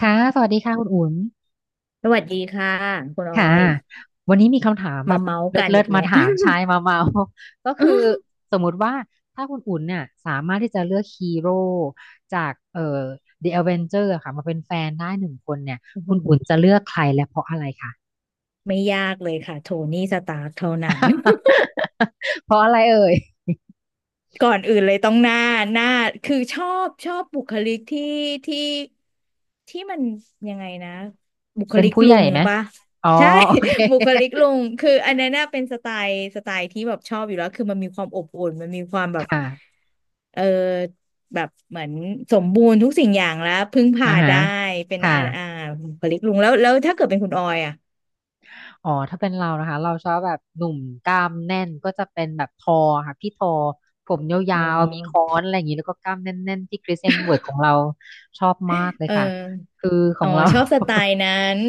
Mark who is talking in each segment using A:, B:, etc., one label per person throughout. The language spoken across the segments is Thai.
A: ค่ะ สวัสดีค่ะคุณอุ่น
B: สวัสดีค่ะคุณออ
A: ค่ะ
B: ย
A: วันนี้มีคำถามแบ
B: มา
A: บ
B: เมาส์
A: เ
B: กัน
A: ลิ
B: อี
A: ศ
B: ก
A: ๆมา
B: แล้ว
A: ถามชาย มาเมา ก็คื
B: อื้
A: อสมมุติว่าถ้าคุณอุ่นเนี่ยสามารถที่จะเลือกฮีโร่จากThe Avenger อะค่ะมาเป็นแฟนได้หนึ่งคนเนี่ย
B: อ
A: คุ
B: หื
A: ณอุ่น
B: อ
A: จะเลือกใครและเพราะอะไรคะ
B: ไม่ยากเลยค่ะโทนี่สตาร์คเท่านั้น
A: เพราะอะไรเอ่ย
B: ก่อนอื่นเลยต้องหน้าคือชอบบุคลิกที่ที่มันยังไงนะบุค
A: เป็น
B: ลิก
A: ผู้ให
B: ลุ
A: ญ่
B: ง
A: ไหม
B: ปะ
A: อ๋อ
B: ใช่
A: โอเค
B: บุคลิกลุงคืออันนั้นน่ะเป็นสไตล์ที่แบบชอบอยู่แล้วคือมันมีความอบอุ่นมันมีความแบบ
A: ค่ะ
B: เออแบบเหมือนสมบูรณ์ทุกสิ่งอย่างแล้วพึ่ง
A: อ่า
B: พา
A: ฮะ
B: ได้เป็น
A: ค่ะ
B: บุคลิกลุงแล้วถ้าเกิดเป็นคุณออยอ่ะ
A: อ๋อถ้าเป็นเรานะคะเราชอบแบบหนุ่มกล้ามแน่นก็จะเป็นแบบทอค่ะพี่ทอผมยา
B: อ๋
A: วๆมีค้
B: อ
A: อนอะไรอย่างนี้แล้วก็กล้ามแน่นๆที่คริสเอ็มเวิร์ดของเราชอบมากเลย
B: เออ
A: ค่ะคือขอ
B: อ๋อ
A: งเรา
B: ชอบสไต ล์นั้น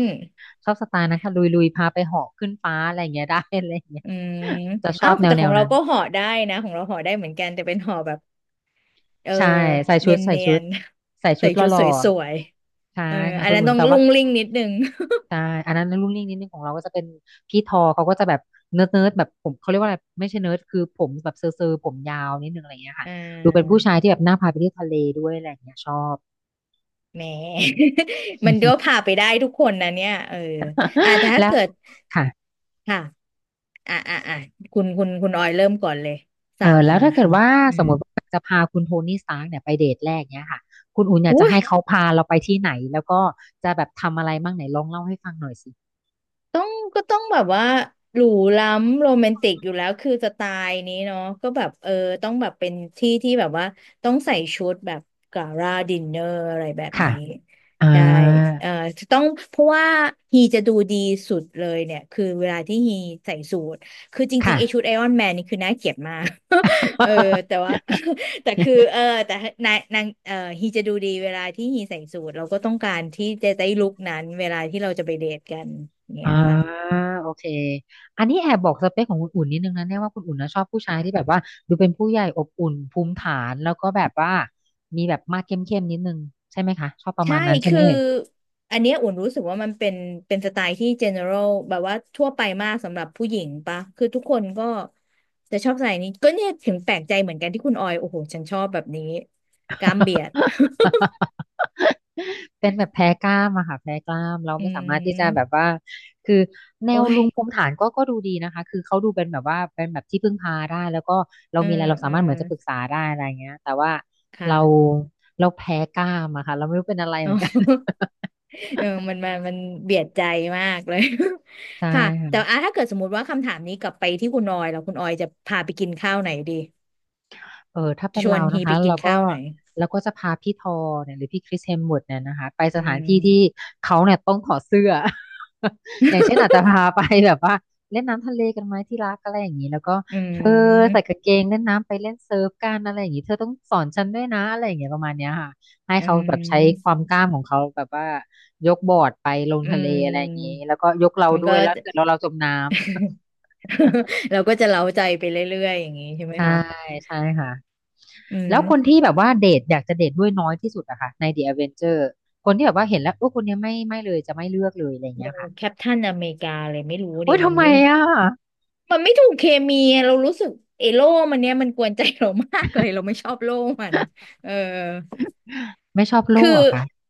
A: ชอบสไตล์นั้นค่ะลุยๆพาไปเหาะขึ้นฟ้าอะไรอย่างเงี้ยได้อะไรอย่างเงี้ย
B: อืม
A: จะช
B: อ้า
A: อ
B: ว
A: บ
B: แต่
A: แน
B: ขอ
A: ว
B: ง
A: ๆ
B: เรา
A: นั้น
B: ก็ห่อได้นะของเราห่อได้เหมือนกันแต่เป็นห่อแบบเออ
A: ใช่ใส่ชุ
B: เนี
A: ด
B: ยน
A: ใส่
B: เนี
A: ชุ
B: ย
A: ด
B: น
A: ใส่ ชุ
B: ใส่
A: ดห
B: ชุด
A: ล่
B: ส
A: อ
B: วย
A: ๆใช่
B: ๆเออ
A: ค่ะ
B: อัน
A: คุณ
B: นั้น
A: อุ่น
B: ต้อง
A: แต่
B: ลุ่
A: ว่า
B: งลิ่งนิดนึง
A: ใช่อันนั้นรุ่นนิ่งนิดนึงของเราก็จะเป็นพี่ทอเขาก็จะแบบเนิร์ดแบบผมเขาเรียกว่าอะไรไม่ใช่เนิร์ดคือผมแบบเซอร์ผมยาวนิดนึงอะไรอย่างเงี้ยค่ะ
B: อ่
A: ดูเป็นผู้
B: า
A: ชายที่แบบน่าพาไปเที่ยวทะเลด้วยอะไรอย่างเงี้ยชอบ
B: แหม มันก็พาไปได้ทุกคนนะเนี่ยเอออ่าแต่ ถ้า
A: แล้ว
B: เกิด
A: ค่ะ
B: ค่ะอ่าอ่าอ่าคุณออยเริ่มก่อนเลย
A: เอ
B: ศา
A: อ
B: สตร์
A: แล้ว
B: มา
A: ถ้า
B: ค
A: เกิดว่า
B: ำ
A: สมมติว่าจะพาคุณโทนี่สตาร์กเนี่ยไปเดทแรกเนี้ยค่ะคุณอุ่นอยาก
B: อุ้
A: จะ
B: ย
A: ให้เขาพาเราไปที่ไหนแล้วก็จะแบบทำอะไรบ้างไหนลองเล่าให้ฟังหน่อยสิ
B: ต้องก็ต้องแบบว่าหรูล้ำโรแมนติกอยู่แล้วคือสไตล์นี้เนาะก็แบบต้องแบบเป็นที่แบบว่าต้องใส่ชุดแบบกาลาดินเนอร์อะไรแบบ
A: ค่ะ
B: นี้
A: อ่า
B: ใช่เออต้องเพราะว่าฮีจะดูดีสุดเลยเนี่ยคือเวลาที่ฮีใส่สูทคือจริง
A: ค่ะ
B: ๆไอชุดไอรอนแมนนี่คือน่าเกลียดมาก เออแต่ว่า แต่คือแต่นางเออฮีจะดูดีเวลาที่ฮีใส่สูทเราก็ต้องการที่จะได้ลุคนั้นเวลาที่เราจะไปเดทกันเนี้
A: อ่า
B: ยค่ะ
A: โอเคอันนี้แอบบอกสเปคของคุณอุ่นนิดนึงนะเนี่ยว่าคุณอุ่นนะชอบผู้ชาย
B: ค่ะ
A: ที่แบบว่าดูเป็นผู้ใหญ่อบอุ่นภูมิฐานแล้วก็แบบว่ามีแบบมาดเข้มๆนิดนึงใช่ไหมคะชอบประ
B: ใช่
A: มาณนั้นใช่ไหม
B: คือ
A: เอ่ย
B: อันเนี้ยอุ่นรู้สึกว่ามันเป็นสไตล์ที่ general แบบว่าทั่วไปมากสำหรับผู้หญิงปะคือทุกคนก็จะชอบใส่นี้ก็เนี่ยถึงแปลกใจเหมือนกันที่คุณออยโอ้โหฉันชอบแบบนี้กล้ามเบียด
A: เป็นแบบแพ้กล้ามอะค่ะแพ้กล้ามเรา
B: อื
A: ไม่สามารถที่จะแบบ
B: ม
A: ว่าคือแน
B: โอ้
A: ว
B: ย
A: ลุงภูมิฐานก็ดูดีนะคะคือเขาดูเป็นแบบว่าเป็นแบบที่พึ่งพาได้แล้วก็เรา
B: เออ
A: มีอะไรเรา
B: เอ
A: สา
B: อ
A: มารถเหมือนจะปรึกษาได้อะไรเงี้ยแต่ว่า
B: ค่ะ
A: เรา เราแพ้กล้ามอะค่ะเราไม่รู้เป็นอะไรเห
B: อ๋
A: มือนกัน
B: อ เออมันเบียดใจมากเลย
A: ใช
B: ค่ะแต่
A: ่
B: อ่ะถ้าเกิดสมมติว่าคำถามนี้กลับไปที่คุณออยแล้วคุณออยจะพาไปกินข้าวไหนดี
A: เออถ้าเป็
B: ช
A: น
B: ว
A: เรา
B: นฮี
A: นะ
B: ไป
A: คะ
B: กิ
A: เรา
B: น
A: ก็
B: ข้าวไหน
A: เราก็จะพาพี่ทอเนี่ยหรือพี่คริสเฮมส์เวิร์ธเนี่ยนะคะไปส
B: อื
A: ถาน
B: ม
A: ที่ที่เขาเนี่ยต้องถอดเสื้อ อย่างเช่นอาจจะ พาไปแบบว่าเล่นน้ำทะเลกันไหมที่รักอะไรอย่างนี้แล้วก็
B: อื
A: เธอใส่
B: ม
A: กางเกงเล่นน้ำไปเล่นเซิร์ฟกันอะไรอย่างนี้เธอต้องสอนฉันด้วยนะอะไรอย่างเงี้ยประมาณเนี้ยค่ะให้
B: อื
A: เขาแบบใช้ค
B: ม
A: วามกล้ามของเขาแบบว่ายกบอร์ดไปลง
B: อื
A: ทะเลอะไรอย่างนี้
B: ม
A: แล้วก็ยกเรา
B: มัน
A: ด้ว
B: ก็
A: ยแล้วเสร็จแล้วเราจมน้
B: เราก็จะเล้าใจไปเรื่อยๆอย่างนี้ใช่
A: ำ
B: ไหม
A: ใช่
B: คะ
A: ใช่ค่ะ
B: อื
A: แล้วคน
B: ม
A: ที่แบบว่าเดทอยากจะเดทด้วยน้อยที่สุดอะค่ะใน The Avenger คนที่แบบว่าเห็นแล้วโอ้คนเนี้ยไม่เลยจะไม่เลือกเลยอะไร
B: โน
A: เงี้ยค่ะ
B: แคปทันอเมริกาเลยไม่รู้
A: โอ้
B: ดิ
A: ย
B: มั
A: ทำ
B: น
A: ไม
B: ไม่
A: อะ
B: ถูกเคมีอะเรารู้สึกเอโล่มันเนี้ยมันกวนใจเรา มากเลยเราไม่ชอบโล่มันเออ
A: ไม่ชอบโล
B: คือ
A: กหรอะคะ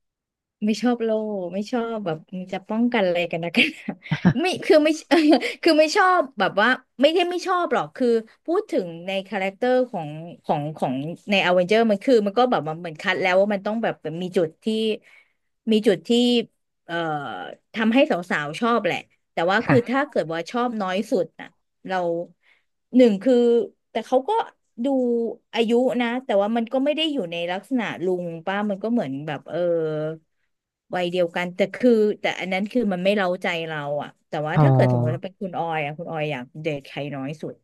B: ไม่ชอบโลกไม่ชอบแบบมันจะป้องกันอะไรกันนะกัน หนาไม่คือไม่ คือไม่ชอบแบบว่าไม่ได้ไม่ชอบหรอกคือพูดถึงในคาแรคเตอร์ของของในอเวนเจอร์มันคือมันก็แบบมันเหมือนคัดแล้วว่ามันต้องแบบมีจุดที่มีจุดที่เอ่อทำให้สาวๆชอบแหละแต่ว่าคือถ้า
A: ค่ะ
B: เกิดว่าชอบน้อยสุดน่ะ เราหนึ่งคือแต่เขาก็ดูอายุนะแต่ว่ามันก็ไม่ได้อยู่ในลักษณะลุงป้ามันก็เหมือนแบบเออวัยเดียวกันแต่คือแต่อันนั้นคือมันไม่เร้าใจเราอ่ะแต่ว่า
A: อ๋อ
B: ถ้าเกิดสมมติถ้าเป็นคุณออยอ่ะคุณออยอยากเดทใครน้อยสุด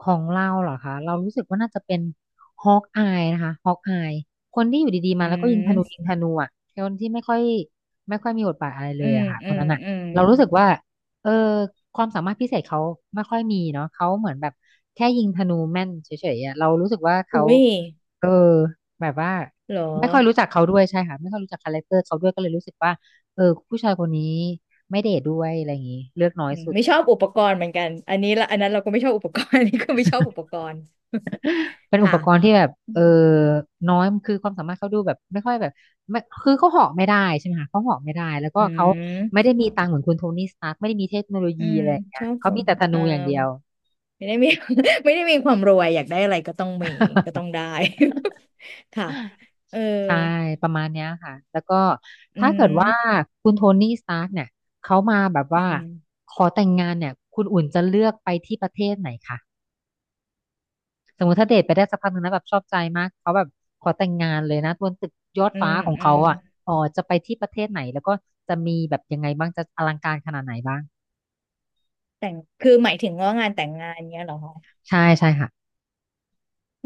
A: ของเราเหรอคะเรารู้สึกว่าน่าจะเป็นฮอกอายนะคะฮอกอายคนที่อยู่ดีๆ
B: อื
A: มาแล้วก็ยิงธนูยิ
B: ม
A: งธนูอ่ะคนที่ไม่ค่อยมีบทบาทอะไรเลยอะค่ะคนนั้นอ่ะ
B: อืม
A: เรารู้สึกว่าเออความสามารถพิเศษเขาไม่ค่อยมีเนาะเขาเหมือนแบบแค่ยิงธนูแม่นเฉยๆอะเรารู้สึกว่าเขา
B: อุ้ย
A: เออแบบว่า
B: เหรอ
A: ไม่ค่อยรู้จักเขาด้วยใช่ค่ะไม่ค่อยรู้จักคาแรคเตอร์เขาด้วยก็เลยรู้สึกว่าเออผู้ชายคนนี้ไม่เดทด้วยอะไรอย่างงี้เลือกน้อย
B: อืม
A: สุด
B: ไม่ชอบอุปกรณ์เหมือนกันอันนี้ละอันนั้นเราก็ไม่ชอบอุปกรณ์ อันนี้ก็ไม่ชอบอุปกรณ์
A: เป็นอุ
B: ค่ะ
A: ปกรณ์ที่แบบ
B: อ
A: เออน้อย คือความสามารถเขาดูแบบไม่ค่อยแบบไม่คือเขาเหาะไม่ได้ใช่ไหมคะเขาเหาะไม่ได้แล้วก็
B: ื
A: เขาไม่
B: ม
A: ได้มีตังค์เหมือนคุณโทนี่สตาร์กไม่ได้มีเทคโนโล
B: อื
A: ยี
B: ม
A: อะไรอย่างเงี้
B: ช
A: ย
B: อบ
A: เขา
B: ควา
A: มี
B: ม
A: แต่ธ
B: เอ
A: นู
B: อ
A: อย่างเดียว
B: ไม่ได้มี ไม่ได้มีความรวยอยากได้อะไรก็ต้องมีก็ต้อ งได้ ค่ะเออ
A: ใช่ ประมาณเนี้ยค่ะ แล้วก็
B: อื
A: ถ้าเกิดว่า
B: ม
A: คุณโทนี่สตาร์กเนี่ยเขามาแบบ
B: อื
A: ว่า
B: ม
A: ขอแต่งงานเนี่ย คุณอุ่นจะเลือกไปที่ประเทศไหนคะ สมมติถ้าเดทไปได้สักพักหนึ่งนะแบบชอบใจมากเขาแบบขอแต่งงานเลยนะบนตึกยอดฟ้าของ
B: อื
A: เขา
B: ม
A: อ่ะอ๋อจะไปที่ประเทศไหนแล้วก็จะมีแบบยังไงบ้างจะอลังการขนาดไหนบ้าง
B: แต่งคือหมายถึงว่างานแต่งงานเนี้ยเหรอ
A: ใช่ใช่ค่ะ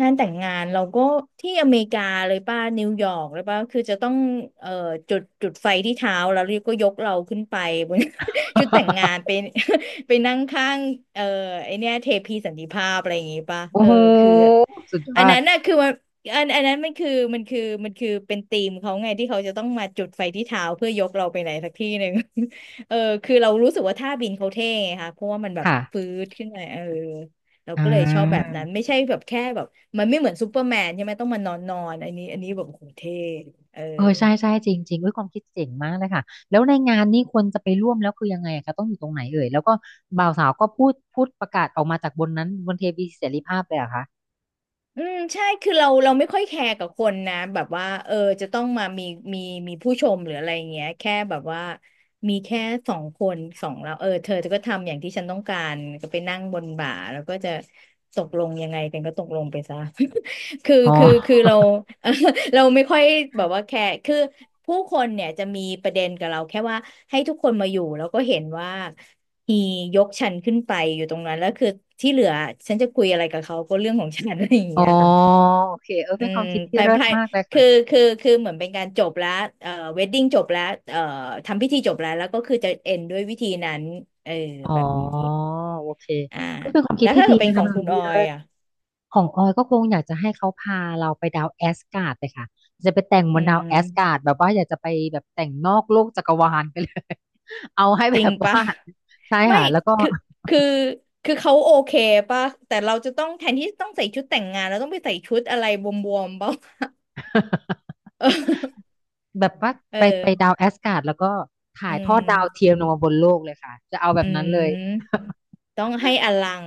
B: งานแต่งงานเราก็ที่อเมริกาเลยป่ะนิวยอร์กเลยป่ะคือจะต้องเอ่อจุดไฟที่เท้าแล้วก็ยกเราขึ้นไปบน ชุดแต่งงานไป ไปนั่งข้างเอ่อไอเนี้ยเทพีสันติภาพอะไรอย่างงี้ป่ะ
A: โอ้
B: เออ
A: โห
B: คือ
A: สุดย
B: อั
A: อ
B: นนั้
A: ด
B: นน่ะคือมันอันนั้นมันคือมันคือเป็นธีมเขาไงที่เขาจะต้องมาจุดไฟที่เท้าเพื่อยกเราไปไหนสักที่หนึ่ง เออคือเรารู้สึกว่าท่าบินเขาเท่ไงค่ะเพราะว่ามันแบบ
A: ค่ะ
B: ฟื้ดขึ้นมาเออ เรา
A: อ่
B: ก็เลยชอบแบบ
A: า
B: นั้นไม่ใช่แบบแค่แบบมันไม่เหมือนซูเปอร์แมนใช่ไหมต้องมานอนนอนอันนี้แบบโอ้โหเท่เออ
A: เออใช่ใช่จริงจริงเอ้ยความคิดเจ๋งมากเลยค่ะแล้วในงานนี่ควรจะไปร่วมแล้วคือยังไงอะคะต้องอยู่ตรงไหนเอ่ยแล้วก็บ่าวสาวก็พูดประกาศออกมาจากบนนั้นบนเทวีเสรีภาพเลยเหรอะคะ
B: อืมใช่คือเราไม่ค่อยแคร์กับคนนะแบบว่าเออจะต้องมามีมีผู้ชมหรืออะไรอย่างเงี้ยแค่แบบว่ามีแค่สองคนสองเราเออเธอก็ทำอย่างที่ฉันต้องการก็ไปนั่งบนบ่าแล้วก็จะตกลงยังไงกันก็ตกลงไปซะ คือ
A: อ๋
B: คือคือ
A: อ
B: เรา เราไม่ค่อยแบบว่าแคร์คือผู้คนเนี่ยจะมีประเด็นกับเราแค่ว่าให้ทุกคนมาอยู่แล้วก็เห็นว่า ฮียกฉันขึ้นไปอยู่ตรงนั้นแล้วคือที่เหลือฉันจะคุยอะไรกับเขาก็เรื่องของฉัน อะไรอย่าง
A: อ๋อ
B: เงี้ยค่ะ
A: โอเคเออ
B: อื
A: เป็นค
B: ม
A: วามคิดที่
B: ภาย
A: เลิศ
B: ภาย
A: มากเลยค่ะ
B: คือคือเหมือนเป็นการจบแล้วเวดดิ้งจบแล้วเอ่อทำพิธีจบแล้วแล้วก็คือจะเอ็นด้วยวิธีนั้นเออ
A: อ๋อ
B: แบบนี้
A: โอเค
B: อ่า
A: ก็เป็นความคิ
B: แล้
A: ด
B: ว
A: ที่
B: ถ้า
A: ดี
B: เกิดเป็น
A: นะ
B: ข
A: คะ
B: อง
A: เป็นควา
B: คุ
A: ม
B: ณ
A: คิ
B: อ
A: ด
B: อ
A: ที่
B: ย
A: เลิศ
B: อ่ะ
A: ของออยก็คงอยากจะให้เขาพาเราไปดาวแอสการ์ดเลยค่ะจะไปแต่งบ
B: อื
A: นดาวแอสกา
B: ม
A: ร์ดแบบว่าอยากจะไปแบบแต่งนอกโลกจักรวาลไปเลย เอาให้
B: จ
A: แบ
B: ริง
A: บ
B: ปะ
A: ว่า ใช่
B: ไม่
A: ค่ะแล้วก็
B: คือคือคือเขาโอเคปะแต่เราจะต้องแทนที่ต้องใส่ชุดแต่งงานเราต้องไปใส่ชุดอะไรบวมๆปล
A: แบบว่า
B: เอ
A: ไปดาว
B: อ
A: แอสการ์ดแล้วก็ถ่า
B: อื
A: ยทอด
B: ม
A: ดาวเทียมลงมาบนโลกเลยค่ะจะเอาแบ
B: อื
A: บนั้น
B: ม
A: เลย
B: ต้องให้อลัง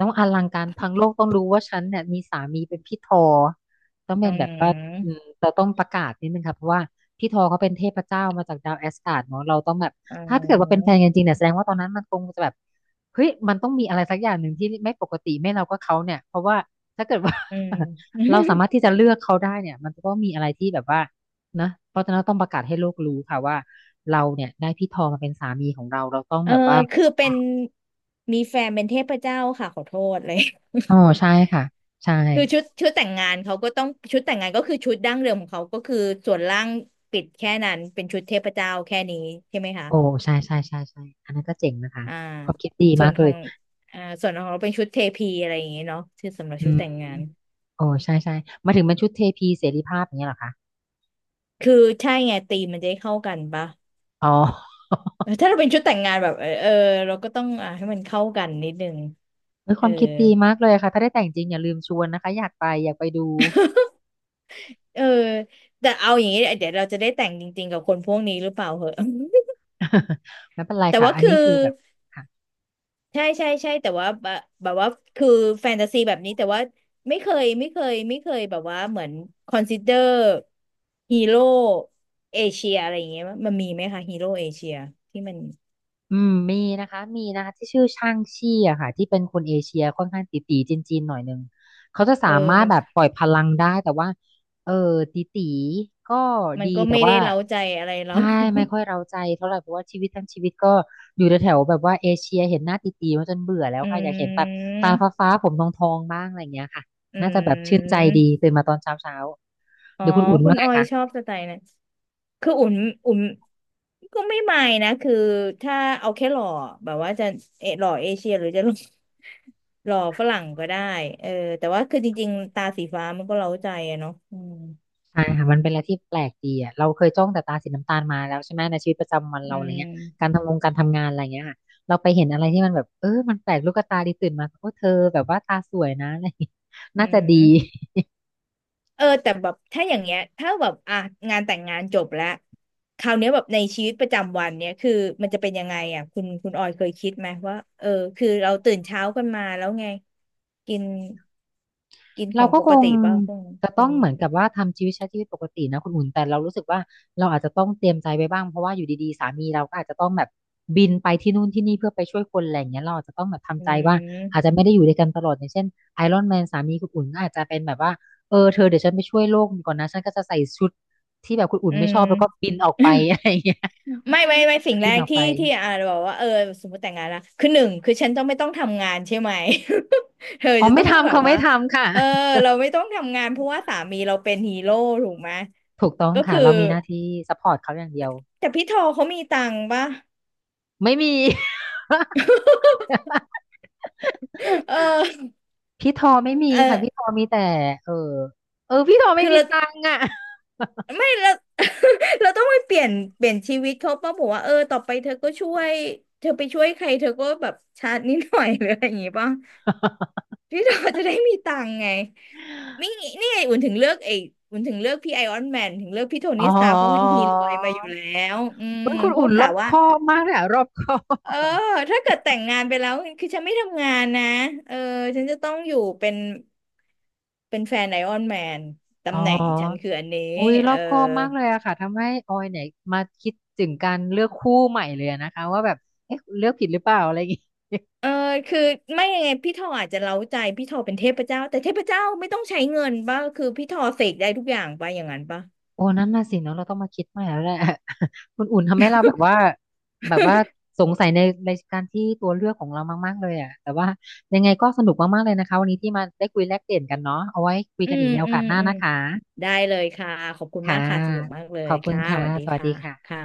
A: ต้องอลังการทั้งโลกต้องรู้ว่าฉันเนี่ยมีสามีเป็นพี่ทอต้อง
B: อื
A: เป็นแบบว่าอื
B: ม
A: มเราต้องประกาศนิดนึงค่ะเพราะว่าพี่ทอเขาเป็นเทพเจ้ามาจากดาวแอสการ์ดเนาะเราต้องแบบ
B: อื
A: ถ้าเกิดว่าเป็นแฟน
B: ม
A: กันจริงเนี่ยแสดงว่าตอนนั้นมันคงจะแบบเฮ้ยมันต้องมีอะไรสักอย่างหนึ่งที่ไม่ปกติไม่เราก็เขาเนี่ยเพราะว่าถ้าเกิดว่า
B: อื ม
A: เราสามารถที่จะเลือกเขาได้เนี่ยมันก็ต้องมีอะไรที่แบบว่านะเพราะฉะนั้นต้องประกาศให้โลกรู้ค่ะว่าเราเนี่ยได้พี่ทอมาเป็นสามีของเราเราต้อง
B: เออ
A: แบบว่า
B: คือเป็นมีแฟนเป็นเทพเจ้าค่ะขอโทษเลย
A: อ๋อใช่ค่ะใช่
B: คือชุดแต่งงานเขาก็ต้องชุดแต่งงานก็คือชุดดั้งเดิมของเขา ก็คือส่วนล่างปิดแค่นั้นเป็นชุดเทพเจ้าแค่นี้ใช่ไหมคะ
A: โอ้ใช่ใช่ใช่ใช่อันนั้นก็เจ๋งนะคะ
B: อ่า
A: ความคิดดี
B: ส่
A: มา
B: วน
A: ก
B: ข
A: เล
B: อ
A: ย
B: งอ่าส่วนของเราเป็นชุดเทพีอะไรอย่างเงี้เนาะชื่อสำหรับชุ
A: อื
B: ด
A: ม
B: แต่งงาน
A: โอ้ใช่ใช่มาถึงเป็นชุดเทพีเสรีภาพอย่างเงี้ยเหรอคะ
B: คือใช่ไงธีมมันจะได้เข้ากันปะ
A: อ๋อ
B: เออถ้าเราเป็นชุดแต่งงานแบบเออเออเราก็ต้องอ่าให้มันเข้ากันนิดนึง
A: เฮ้ยค
B: เอ
A: วา
B: อ
A: มคิดดีมากเลยค่ะถ้าได้แต่งจริงอย่าลืมชวนนะคะอยากไปอยากไปดู
B: เออแต่เอาอย่างนี้เดี๋ยวเราจะได้แต่งจริงๆกับคนพวกนี้หรือเปล่าเหอะ
A: ไม่เป็นไร
B: แต่
A: ค่ะ
B: ว่า
A: อัน
B: คือ
A: นี้คือแบบค่ะ
B: ใช่ใช่ใช่แต่ว่าแบบแบบว่าคือแฟนตาซีแบบนี้แต่ว่าไม่เคยแบบว่าเหมือนคอนซิเดอร์ฮีโร่เอเชียอะไรอย่างเงี้ยมันมีไหมคะฮีโร่เอเชียที่มัน
A: อืมมีนะคะมีนะคะที่ชื่อช่างชี่อะค่ะที่เป็นคนเอเชียค่อนข้างตี๋ๆจีนๆหน่อยนึงเขาจะสา
B: เออ
A: มารถ
B: มัน
A: แบบปล่อยพลังได้แต่ว่าเออตี๋ๆก็
B: มั
A: ดี
B: นก็
A: แต่
B: ไม่ได้
A: ว่า
B: เร้าใจอะไรเรา
A: ใช่ไม่ค่อยเร้าใจเท่าไหร่เพราะว่าชีวิตทั้งชีวิตก็อยู่แถวๆแบบว่าเอเชียเห็นหน้าตี๋ๆมาจนเบื่อแล้ว
B: อื
A: ค่ะอยากเห็นแบบตา
B: ม
A: ฟ้าๆผมทองๆบ้างอะไรอย่างเงี้ยค่ะ
B: อื
A: น่าจะแบบชื่นใจดี
B: ม
A: ตื่นมาตอนเช้าๆห
B: อ๋อ
A: รือคุณอุ่น
B: คุ
A: ว่า
B: ณ
A: ไง
B: ออยชอ
A: คะ
B: บสไตล์นั้นคืออุ่นอุ่นก็ไม่นะคือถ้าเอาแค่หล่อแบบว่าจะเออหล่อเอเชียหรือจะหล่อ หล่อฝรั่งก็ได้เออแต่ว่าคือจริงๆตาสีฟ้ามันก็เร้าใจอะเนาะอืม
A: ใช่ค่ะมันเป็นอะไรที่แปลกดีอ่ะเราเคยจ้องแต่ตาสีน้ำตาลมาแล้วใช่ไหมในชีวิตประจำวัน
B: อื
A: เราอะไร
B: ม
A: เงี้ยการทำงานอะไรเงี้ยค่ะเราไปเห็นอะไรที่มันแบบเออมันแปลกลูกตาดีตื่นมาโอ้เธอแบบว่าตาสวยนะอะไรเงี้ย
B: อื
A: น่าจะดี
B: มเออแต่แบบถ้าอย่างเงี้ยถ้าแบบอ่ะงานแต่งงานจบแล้วคราวเนี้ยแบบในชีวิตประจำวันเนี้ยคือมันจะเป็นยังไงอ่ะคุณออยเคยคิดไหมว่าเออคือเราตื่นเช้ากันมาแล้วไงกิน กินข
A: เรา
B: อง
A: ก็
B: ป
A: ค
B: ก
A: ง
B: ติป่ะพวกนี้
A: จะต้
B: กิ
A: อ
B: น
A: งเหมือนกับว่าทำชีวิตใช้ชีวิตปกตินะคุณอุ่นแต่เรารู้สึกว่าเราอาจจะต้องเตรียมใจไว้บ้างเพราะว่าอยู่ดีๆสามีเราก็อาจจะต้องแบบบินไปที่นู่นที่นี่เพื่อไปช่วยคนอะไรอย่างเงี้ยเราอาจจะต้องแบบ
B: อื
A: ทำใจว่าอาจจะ
B: ม
A: ไม่ได้อยู่ด้วยกันตลอดอย่างเช่นไอรอนแมนสามีคุณอุ่นก็อาจจะเป็นแบบว่าเออเธอเดี๋ยวฉันไปช่วยโลกก่อนนะฉันก็จะใส่ชุดที่แบบคุณอุ่น
B: อื
A: ไม่ชอ
B: ม
A: บแล้วก็บินออกไปอะไรอย่างเงี้ย
B: ไม่สิ่งแร
A: บิน
B: ก
A: ออกไป
B: ที่อ่าบอกว่าเออสมมติแต่งงานละคือหนึ่งคือฉันต้องไม่ต้องทำงานใช่ไหม เธอ
A: อ๋อ
B: จะ
A: ไม่
B: ต้อง
A: ทำ
B: แบบ
A: เขาไม่
B: ว่า
A: ทำค่ะ
B: เออเราไม่ต้องทำงานเพราะว่าสามีเราเป็นฮีโร่ถูกไหม
A: ถูกต้อง
B: ก็
A: ค่ะ
B: คือ
A: เรามีหน้าที่ซัพพอร์ตเขาอย่างเดียว
B: แต่พี่ทอเขามีตังค์ป่ะ
A: ไม่มี
B: เออ
A: พี่ทอไม่มี
B: เออ
A: ค่ะพี่ทอมีแต่เออเออพี่ทอไม่
B: คือ
A: มี
B: เรา
A: ตังค์อ่ะ
B: ไม่เรา เราต้องไปเปลี่ยนเปลี่ยนชีวิตเขาป่ะบอกว่าเออต่อไปเธอก็ช่วยเธอไปช่วยใครเธอก็แบบชาร์จนิดหน่อยหรืออะไรอย่างงี้ป่ะ พี่เราจะได้มีตังค์ไงไม่นี่ไงอุ่นถึงเลือกไอ้อุ่นถึงเลือกพี่ไอออนแมนถึงเลือกพี่โท
A: อ๋
B: นี่
A: อ
B: สตาร์เพราะฮีรวยมาอยู่แล้วอืม
A: เฮ้คุณ
B: เพ
A: อุ่
B: ราะ
A: นร
B: กะ
A: อบค
B: ว่า
A: อบมากเลยอะรอบคอ
B: เอ
A: บ
B: อถ้าเกิดแต่งงานไปแล้วคือฉันไม่ทำงานนะเออฉันจะต้องอยู่เป็นเป็นแฟนไอออนแมน
A: อ๋
B: ตำแหน่งฉัน
A: อ
B: คืออันนี้
A: อุ้ยร
B: เอ
A: อ
B: อ
A: บคอบมากเลยอะค่ะทำให้ออยเนี่ยมาคิดถึงการเลือกคู่ใหม่เลยอะนะคะว่าแบบเอ๊ะเลือกผิดหรือเปล่าอะไรอย่างงี้
B: เออคือไม่ยังไงพี่ทออาจจะเร้าใจพี่ทอเป็นเทพเจ้าแต่เทพเจ้าไม่ต้องใช้เงินป่ะคือพี่ทอเสกได้ทุกอย่างป่ะอย่างนั้นป่ะ
A: โอ้นั่นน่ะสิเนาะเราต้องมาคิดใหม่แล้วแหละ คุณอุ่นทำให้เราแบบว่าแบบว่าสงสัยในรายการที่ตัวเลือกของเรามากๆเลยอ่ะแต่ว่ายังไงก็สนุกมากๆเลยนะคะวันนี้ที่มาได้คุยแลกเปลี่ยนกันเนาะเอาไว้คุย
B: อื
A: กันอี
B: ม
A: กในโอ
B: อื
A: กาส
B: ม
A: หน้า
B: อืม
A: นะคะ
B: ได้เลยค่ะขอบคุณมาก
A: ค่ะ
B: ค่ะสนุกมากเล
A: ข
B: ย
A: อบคุณ
B: ค่ะส
A: ค่ะ
B: วัสดี
A: สวัส
B: ค่ะ
A: ดี
B: ค่ะ
A: ค่ะ